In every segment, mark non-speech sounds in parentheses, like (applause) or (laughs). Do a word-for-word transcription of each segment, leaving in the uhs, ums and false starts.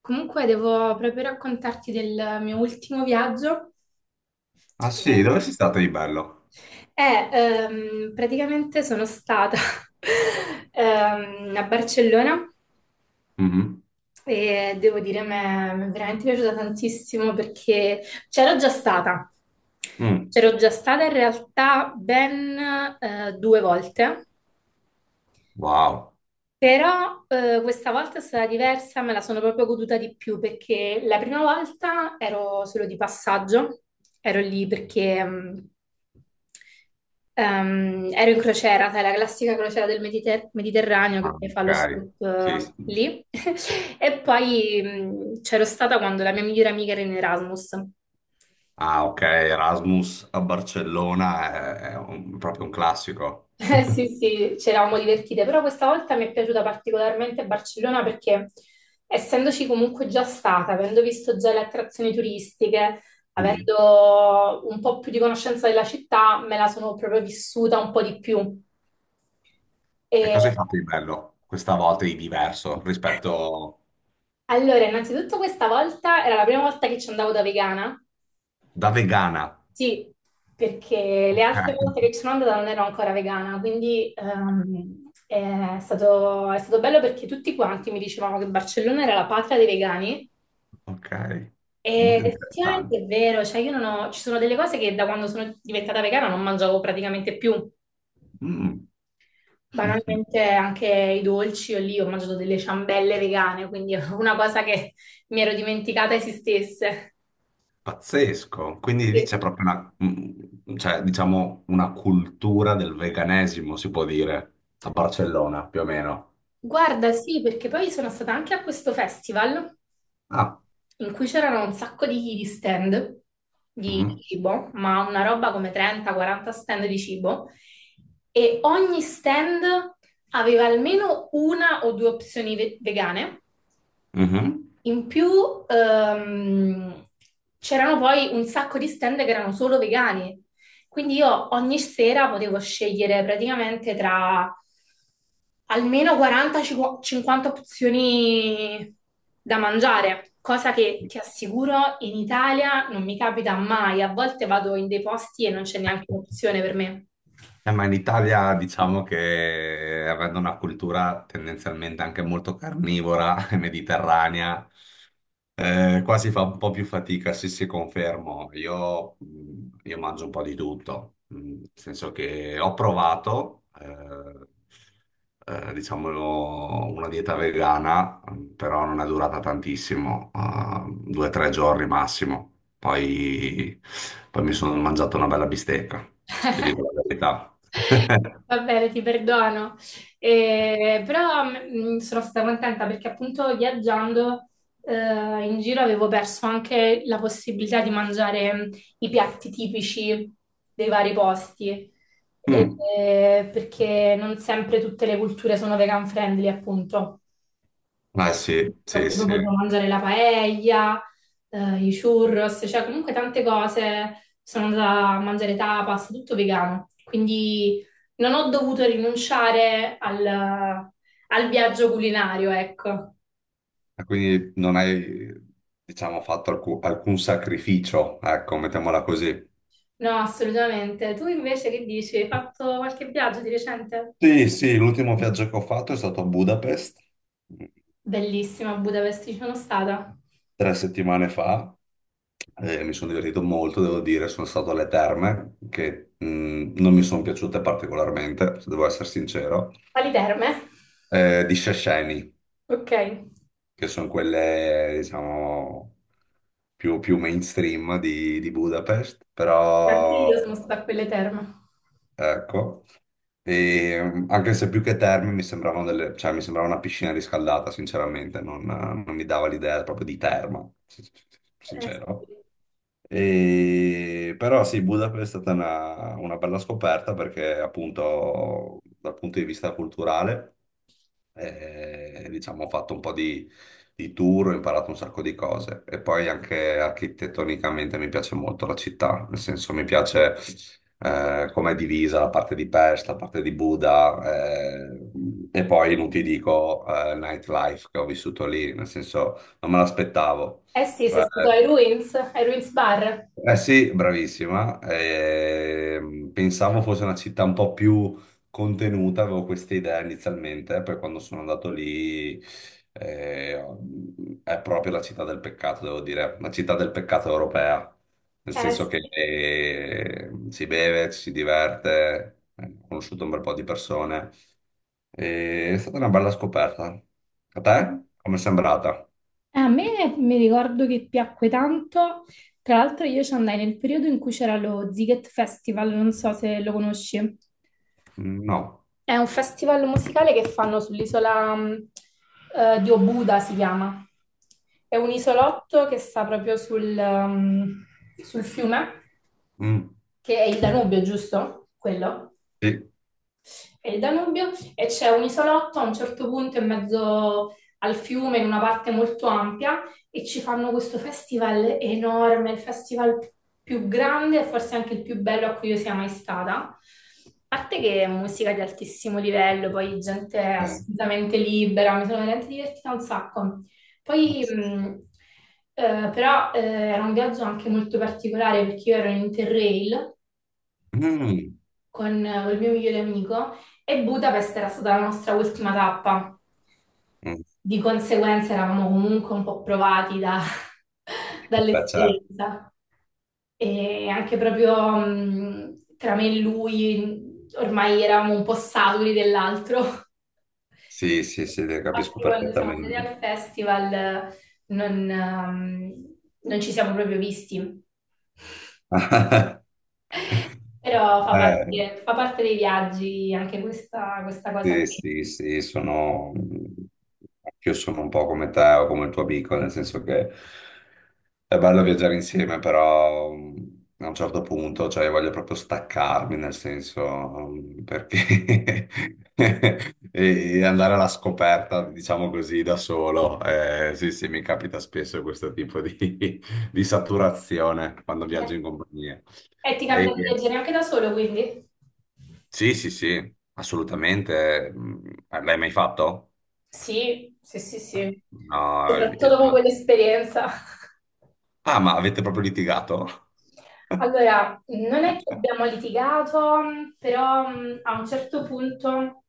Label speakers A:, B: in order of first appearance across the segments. A: Comunque devo proprio raccontarti del mio ultimo viaggio.
B: Ah sì, dove sei stato di bello?
A: Eh, ehm, praticamente sono stata (laughs) ehm, a Barcellona
B: Mhm.
A: e devo dire mi è mi è veramente piaciuta tantissimo perché c'ero già stata.
B: Mm.
A: C'ero già stata in realtà ben eh, due volte.
B: Wow.
A: Però eh, questa volta è stata diversa, me la sono proprio goduta di più perché la prima volta ero solo di passaggio, ero lì perché mh, ehm, ero in crociera, sai, la classica crociera del Mediter- Mediterraneo
B: Ah,
A: che poi fa lo
B: ok.
A: stop
B: Sì,
A: eh,
B: sì.
A: lì. (laughs) E poi mh, c'ero stata quando la mia migliore amica era in Erasmus.
B: Ah, ok, Erasmus a Barcellona è, è un- proprio un classico.
A: Eh,
B: (laughs)
A: sì, sì, ci eravamo divertite, però questa volta mi è piaciuta particolarmente Barcellona perché essendoci comunque già stata, avendo visto già le attrazioni turistiche,
B: Mm.
A: avendo un po' più di conoscenza della città, me la sono proprio vissuta un po' di più.
B: E
A: E
B: cosa hai fatto di bello questa volta di diverso rispetto
A: allora, innanzitutto questa volta era la prima volta che ci andavo da vegana.
B: da vegana?
A: Sì, perché le
B: Ok.
A: altre volte che ci
B: (laughs)
A: sono andata non ero ancora vegana, quindi ehm, è stato, è stato bello perché tutti quanti mi dicevano che Barcellona era la patria dei vegani
B: Ok, molto
A: ed effettivamente
B: interessante.
A: è vero, cioè io non ho, ci sono delle cose che da quando sono diventata vegana non mangiavo praticamente più.
B: Mm. (laughs)
A: Banalmente anche i dolci, io lì ho mangiato delle ciambelle vegane, quindi è una cosa che mi ero dimenticata esistesse.
B: Pazzesco, quindi lì c'è
A: E-
B: proprio una, mm, cioè, diciamo, una cultura del veganesimo, si può dire, a Barcellona, più o meno.
A: Guarda, sì, perché poi sono stata anche a questo festival,
B: Ah,
A: in cui c'erano un sacco di, di stand di
B: mhm,
A: cibo, ma una roba come trenta quaranta stand di cibo, e ogni stand aveva almeno una o due opzioni ve- vegane
B: mhm.
A: in più. ehm, C'erano poi un sacco di stand che erano solo vegani, quindi io ogni sera potevo scegliere praticamente tra almeno quaranta cinquanta opzioni da mangiare, cosa che ti assicuro in Italia non mi capita mai, a volte vado in dei posti e non c'è neanche un'opzione per me.
B: Eh, ma in Italia diciamo che avendo una cultura tendenzialmente anche molto carnivora, mediterranea, eh, qua si fa un po' più fatica, sì, sì, confermo. Io, mh, io mangio un po' di tutto, mh, nel senso che ho provato, eh, eh, diciamo, una dieta vegana, mh, però non è durata tantissimo, eh, due o tre giorni massimo. Poi, poi mi sono mangiato una bella bistecca, ti dico la verità. (laughs)
A: Va bene, ti perdono. Eh, però mm, sono stata contenta perché appunto viaggiando eh, in giro avevo perso anche la possibilità di mangiare mm, i piatti tipici dei vari posti,
B: Mm.
A: Eh, perché non sempre tutte le culture sono vegan friendly, appunto.
B: Eh sì,
A: Io ho
B: sì,
A: proprio
B: sì.
A: potuto mangiare la paella, eh, i churros, cioè comunque tante cose. Sono andata a mangiare tapas, tutto vegano. Quindi non ho dovuto rinunciare al, al viaggio culinario, ecco.
B: Ah, quindi non hai, diciamo, fatto alcu- alcun sacrificio, ecco, mettiamola così.
A: No, assolutamente. Tu invece che dici? Hai fatto qualche viaggio di recente?
B: Sì, sì, l'ultimo viaggio che ho fatto è stato a Budapest, mh,
A: Bellissima, a Budapest ci sono stata.
B: tre settimane fa, e mi sono divertito molto, devo dire. Sono stato alle terme che mh, non mi sono piaciute particolarmente, se devo essere sincero,
A: Alle terme?
B: eh, di Szechenyi,
A: Ok.
B: che sono quelle, diciamo, più, più mainstream di, di Budapest,
A: Anche
B: però.
A: io sono stata a quelle terme.
B: Ecco. E, mm, anche se più che terme mi sembravano delle, cioè mi sembrava una piscina riscaldata, sinceramente, non, non mi dava l'idea proprio di terma, sin-
A: Eh, sì.
B: sincero. E però sì, Budapest è stata una, una bella scoperta, perché appunto dal punto di vista culturale. E, diciamo, ho fatto un po' di, di tour, ho imparato un sacco di cose, e poi anche architettonicamente mi piace molto la città, nel senso mi piace eh, come è divisa la parte di Pest, la parte di Buda, eh, e poi non ti dico eh, nightlife che ho vissuto lì, nel senso non me l'aspettavo.
A: Eh sì, sei
B: Cioè,
A: stato ai Ruins, ai Ruins Bar.
B: eh sì, bravissima. Ehm, pensavo fosse una città un po' più contenuta, avevo questa idea inizialmente, eh, poi quando sono andato lì, eh, è proprio la città del peccato, devo dire, la città del peccato europea, nel
A: Eh
B: senso che
A: sì.
B: eh, si beve, ci si diverte, eh, ho conosciuto un bel po' di persone. E è stata una bella scoperta. A te? Come è sembrata?
A: A me mi ricordo che piacque tanto, tra l'altro io ci andai nel periodo in cui c'era lo Ziget Festival, non so se lo conosci.
B: Mm. No.
A: È un festival musicale che fanno sull'isola mh, eh, di Obuda, si chiama. È un isolotto che sta proprio sul, ehm, sul fiume,
B: Mm.
A: che è il Danubio, giusto? Quello.
B: Sì.
A: E il Danubio e c'è un isolotto a un certo punto in mezzo al fiume, in una parte molto ampia, e ci fanno questo festival enorme, il festival più grande e forse anche il più bello a cui io sia mai stata. A parte che è musica di altissimo livello, poi gente
B: Sì.
A: assolutamente libera, mi sono veramente divertita un sacco. Poi, mh, eh, però, eh, era un viaggio anche molto particolare perché io ero in Interrail
B: Mm.
A: con eh, il mio migliore amico e Budapest era stata la nostra ultima tappa.
B: Mm.
A: Di conseguenza eravamo comunque un po' provati da- (laughs)
B: Beh, certo.
A: dall'esperienza e anche proprio mh, tra me e lui ormai eravamo un po' saturi dell'altro. (laughs)
B: Sì, sì, sì, te capisco
A: Infatti quando siamo andati
B: perfettamente.
A: al festival eh, non, ehm, non ci siamo proprio visti.
B: (laughs)
A: Però fa
B: Eh,
A: parte, fa parte dei viaggi anche questa, questa cosa
B: sì,
A: qui.
B: sì, sì, sono... Io sono un po' come te o come il tuo amico, nel senso che è bello viaggiare insieme, però mh, a un certo punto, cioè, io voglio proprio staccarmi, nel senso, mh, perché (laughs) e e andare alla scoperta, diciamo così, da solo. Eh, sì, sì, mi capita spesso questo tipo di, (laughs) di saturazione quando viaggio in compagnia.
A: E ti
B: E-
A: capita di viaggiare anche da solo, quindi?
B: sì, sì, sì, assolutamente. mh, L'hai mai fatto?
A: Sì, sì, sì, sì.
B: No,
A: Soprattutto
B: eh,
A: dopo quell'esperienza. (laughs)
B: ah, ma avete proprio litigato?
A: Allora, non è che
B: (laughs)
A: abbiamo litigato, però mh, a un certo punto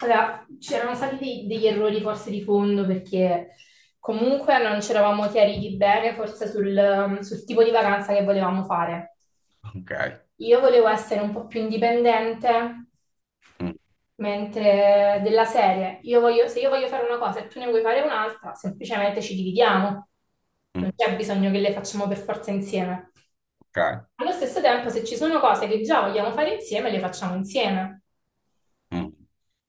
A: allora, c'erano stati dei- degli errori forse di fondo perché comunque non ci eravamo chiariti bene forse sul, mm, sul tipo di vacanza che volevamo fare.
B: Ok.
A: Io volevo essere un po' più indipendente.
B: Mm,
A: Mentre della serie, io voglio- se io voglio fare una cosa e tu ne vuoi fare un'altra, semplicemente ci dividiamo.
B: mm,
A: Non c'è bisogno che le facciamo per forza insieme.
B: ok.
A: Allo stesso tempo, se ci sono cose che già vogliamo fare insieme, le facciamo insieme.
B: Mm.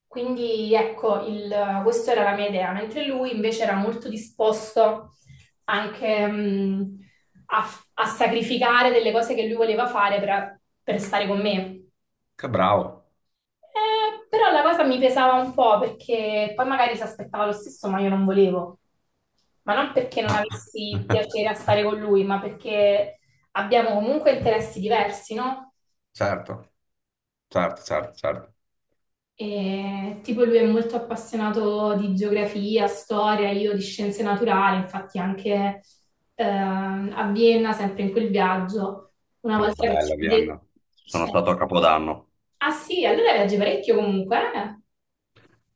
A: Quindi ecco, il- questa era la mia idea, mentre lui invece era molto disposto anche mh, a, a sacrificare delle cose che lui voleva fare per per stare con me.
B: Che bravo.
A: Eh, però la cosa mi pesava un po' perché poi magari si aspettava lo stesso, ma io non volevo. Ma non perché non
B: Ah.
A: avessi piacere a
B: (laughs)
A: stare con lui, ma perché abbiamo comunque interessi diversi, no?
B: Certo, certo, certo, certo.
A: E, tipo lui è molto appassionato di geografia, storia, io di scienze naturali, infatti anche ehm, a Vienna, sempre in quel viaggio, una
B: Ah,
A: volta che ci
B: bella
A: vide. Eh,
B: Vienna. Sono stato a
A: sì.
B: Capodanno.
A: Ah sì, allora viaggi parecchio comunque, eh?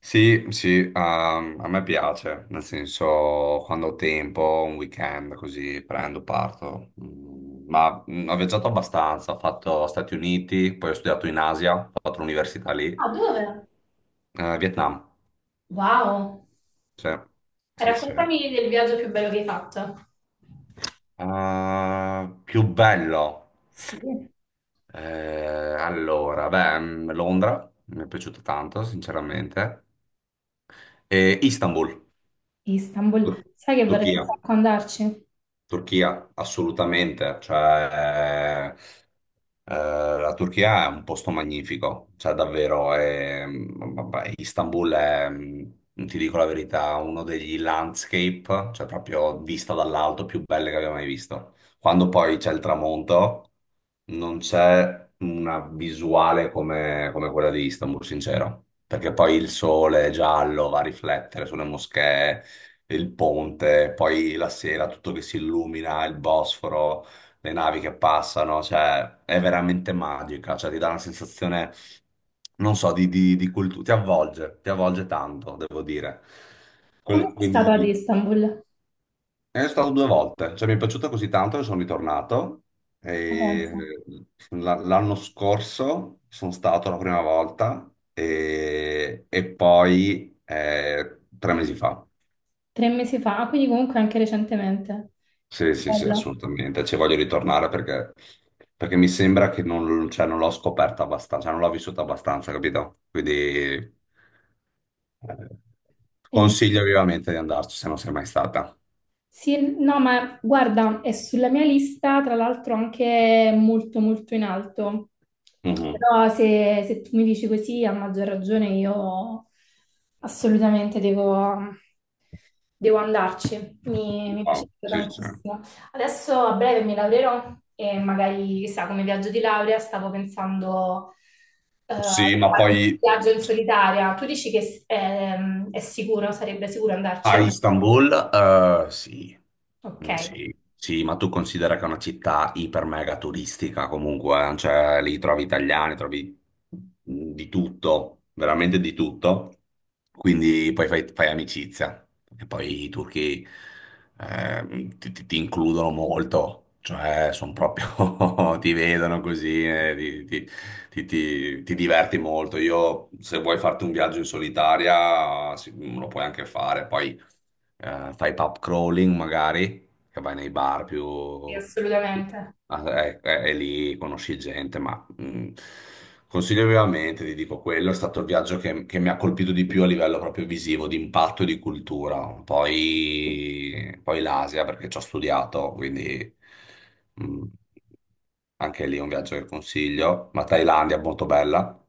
B: Sì, sì, a a me piace, nel senso quando ho tempo, un weekend così prendo, parto. Mm, Ma mm, ho viaggiato abbastanza, ho fatto Stati Uniti, poi ho studiato in Asia, ho fatto l'università lì.
A: Ah, dove?
B: Eh, Vietnam,
A: Wow!
B: sì,
A: E
B: sì, sì. Eh,
A: raccontami del viaggio più bello che hai fatto.
B: più bello.
A: Sì,
B: Eh, allora, beh, mm, Londra, mi è piaciuto tanto, sinceramente. E Istanbul,
A: Istanbul.
B: Tur-
A: Sai che vorrei un
B: Turchia,
A: sacco andarci?
B: Turchia, assolutamente. Cioè, Eh, la Turchia è un posto magnifico, cioè davvero, è, mm, vabbè, Istanbul è, mm, ti dico la verità, uno degli landscape, cioè proprio vista dall'alto, più belle che abbia mai visto. Quando poi c'è il tramonto, non c'è una visuale come, come quella di Istanbul, sincero, perché poi il sole giallo va a riflettere sulle moschee, il ponte, poi la sera tutto che si illumina, il Bosforo, le navi che passano, cioè è veramente magica, cioè ti dà una sensazione, non so, di, di, di cultura, ti avvolge, ti avvolge tanto, devo dire.
A: Quando
B: Quel-
A: sei stato
B: quindi
A: ad Istanbul?
B: è stato due volte, cioè mi è piaciuto così tanto che sono ritornato.
A: Ma
B: E,
A: pensa.
B: eh, la- L'anno scorso sono stato la prima volta, e, e poi eh, tre mesi fa.
A: Tre mesi fa, ah, quindi comunque anche recentemente.
B: Sì,
A: Che
B: sì, sì,
A: bello.
B: assolutamente. Ci voglio ritornare, perché, perché mi sembra che non, cioè, non l'ho scoperta abbastanza, cioè, non l'ho vissuta abbastanza, capito? Quindi eh,
A: Eh,
B: consiglio vivamente di andarci se non sei mai stata.
A: Sì, no, ma guarda, è sulla mia lista, tra l'altro anche molto molto in alto.
B: Mhm.
A: Però se, se tu mi dici così, a maggior ragione io assolutamente devo, devo andarci. Mi, mi piace
B: No, sì, sì.
A: tantissimo. Adesso a breve mi laureerò e magari, chissà, come viaggio di laurea stavo pensando eh, a
B: Sì, ma
A: fare un
B: poi,
A: viaggio in solitaria. Tu dici che è, è sicuro, sarebbe sicuro
B: a
A: andarci?
B: Istanbul, eh, sì.
A: Ok.
B: Mm, sì, sì, ma tu considera che è una città iper mega turistica comunque, eh, cioè lì trovi italiani, trovi mm, di tutto, veramente di tutto, quindi poi fai, fai amicizia, e poi i turchi eh, ti, ti- ti includono molto, cioè sono proprio, (laughs) ti vedono così, e ti, ti- ti, ti- ti diverti molto. Io, se vuoi farti un viaggio in solitaria, sì, lo puoi anche fare. Poi eh, fai pub crawling magari, che vai nei bar più...
A: Sì, assolutamente.
B: Ah, eh, eh, e lì conosci gente, ma mm, consiglio vivamente, ti dico quello, è stato il viaggio che, che mi ha colpito di più a livello proprio visivo, di impatto e di cultura. Poi, poi l'Asia, perché ci ho studiato, quindi mm, anche lì è un viaggio che consiglio. Ma Thailandia, molto bella.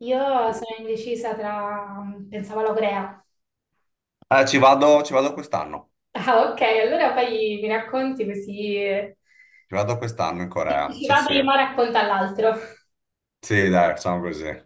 A: Io sono indecisa tra. Pensavo alla Corea.
B: Eh, ci vado, ci vado quest'anno,
A: Ah, ok, allora poi mi racconti così
B: ci vado quest'anno in
A: chi
B: Corea,
A: chi
B: sì
A: va
B: sì.
A: prima racconta all'altro.
B: Sì, dai, facciamo così.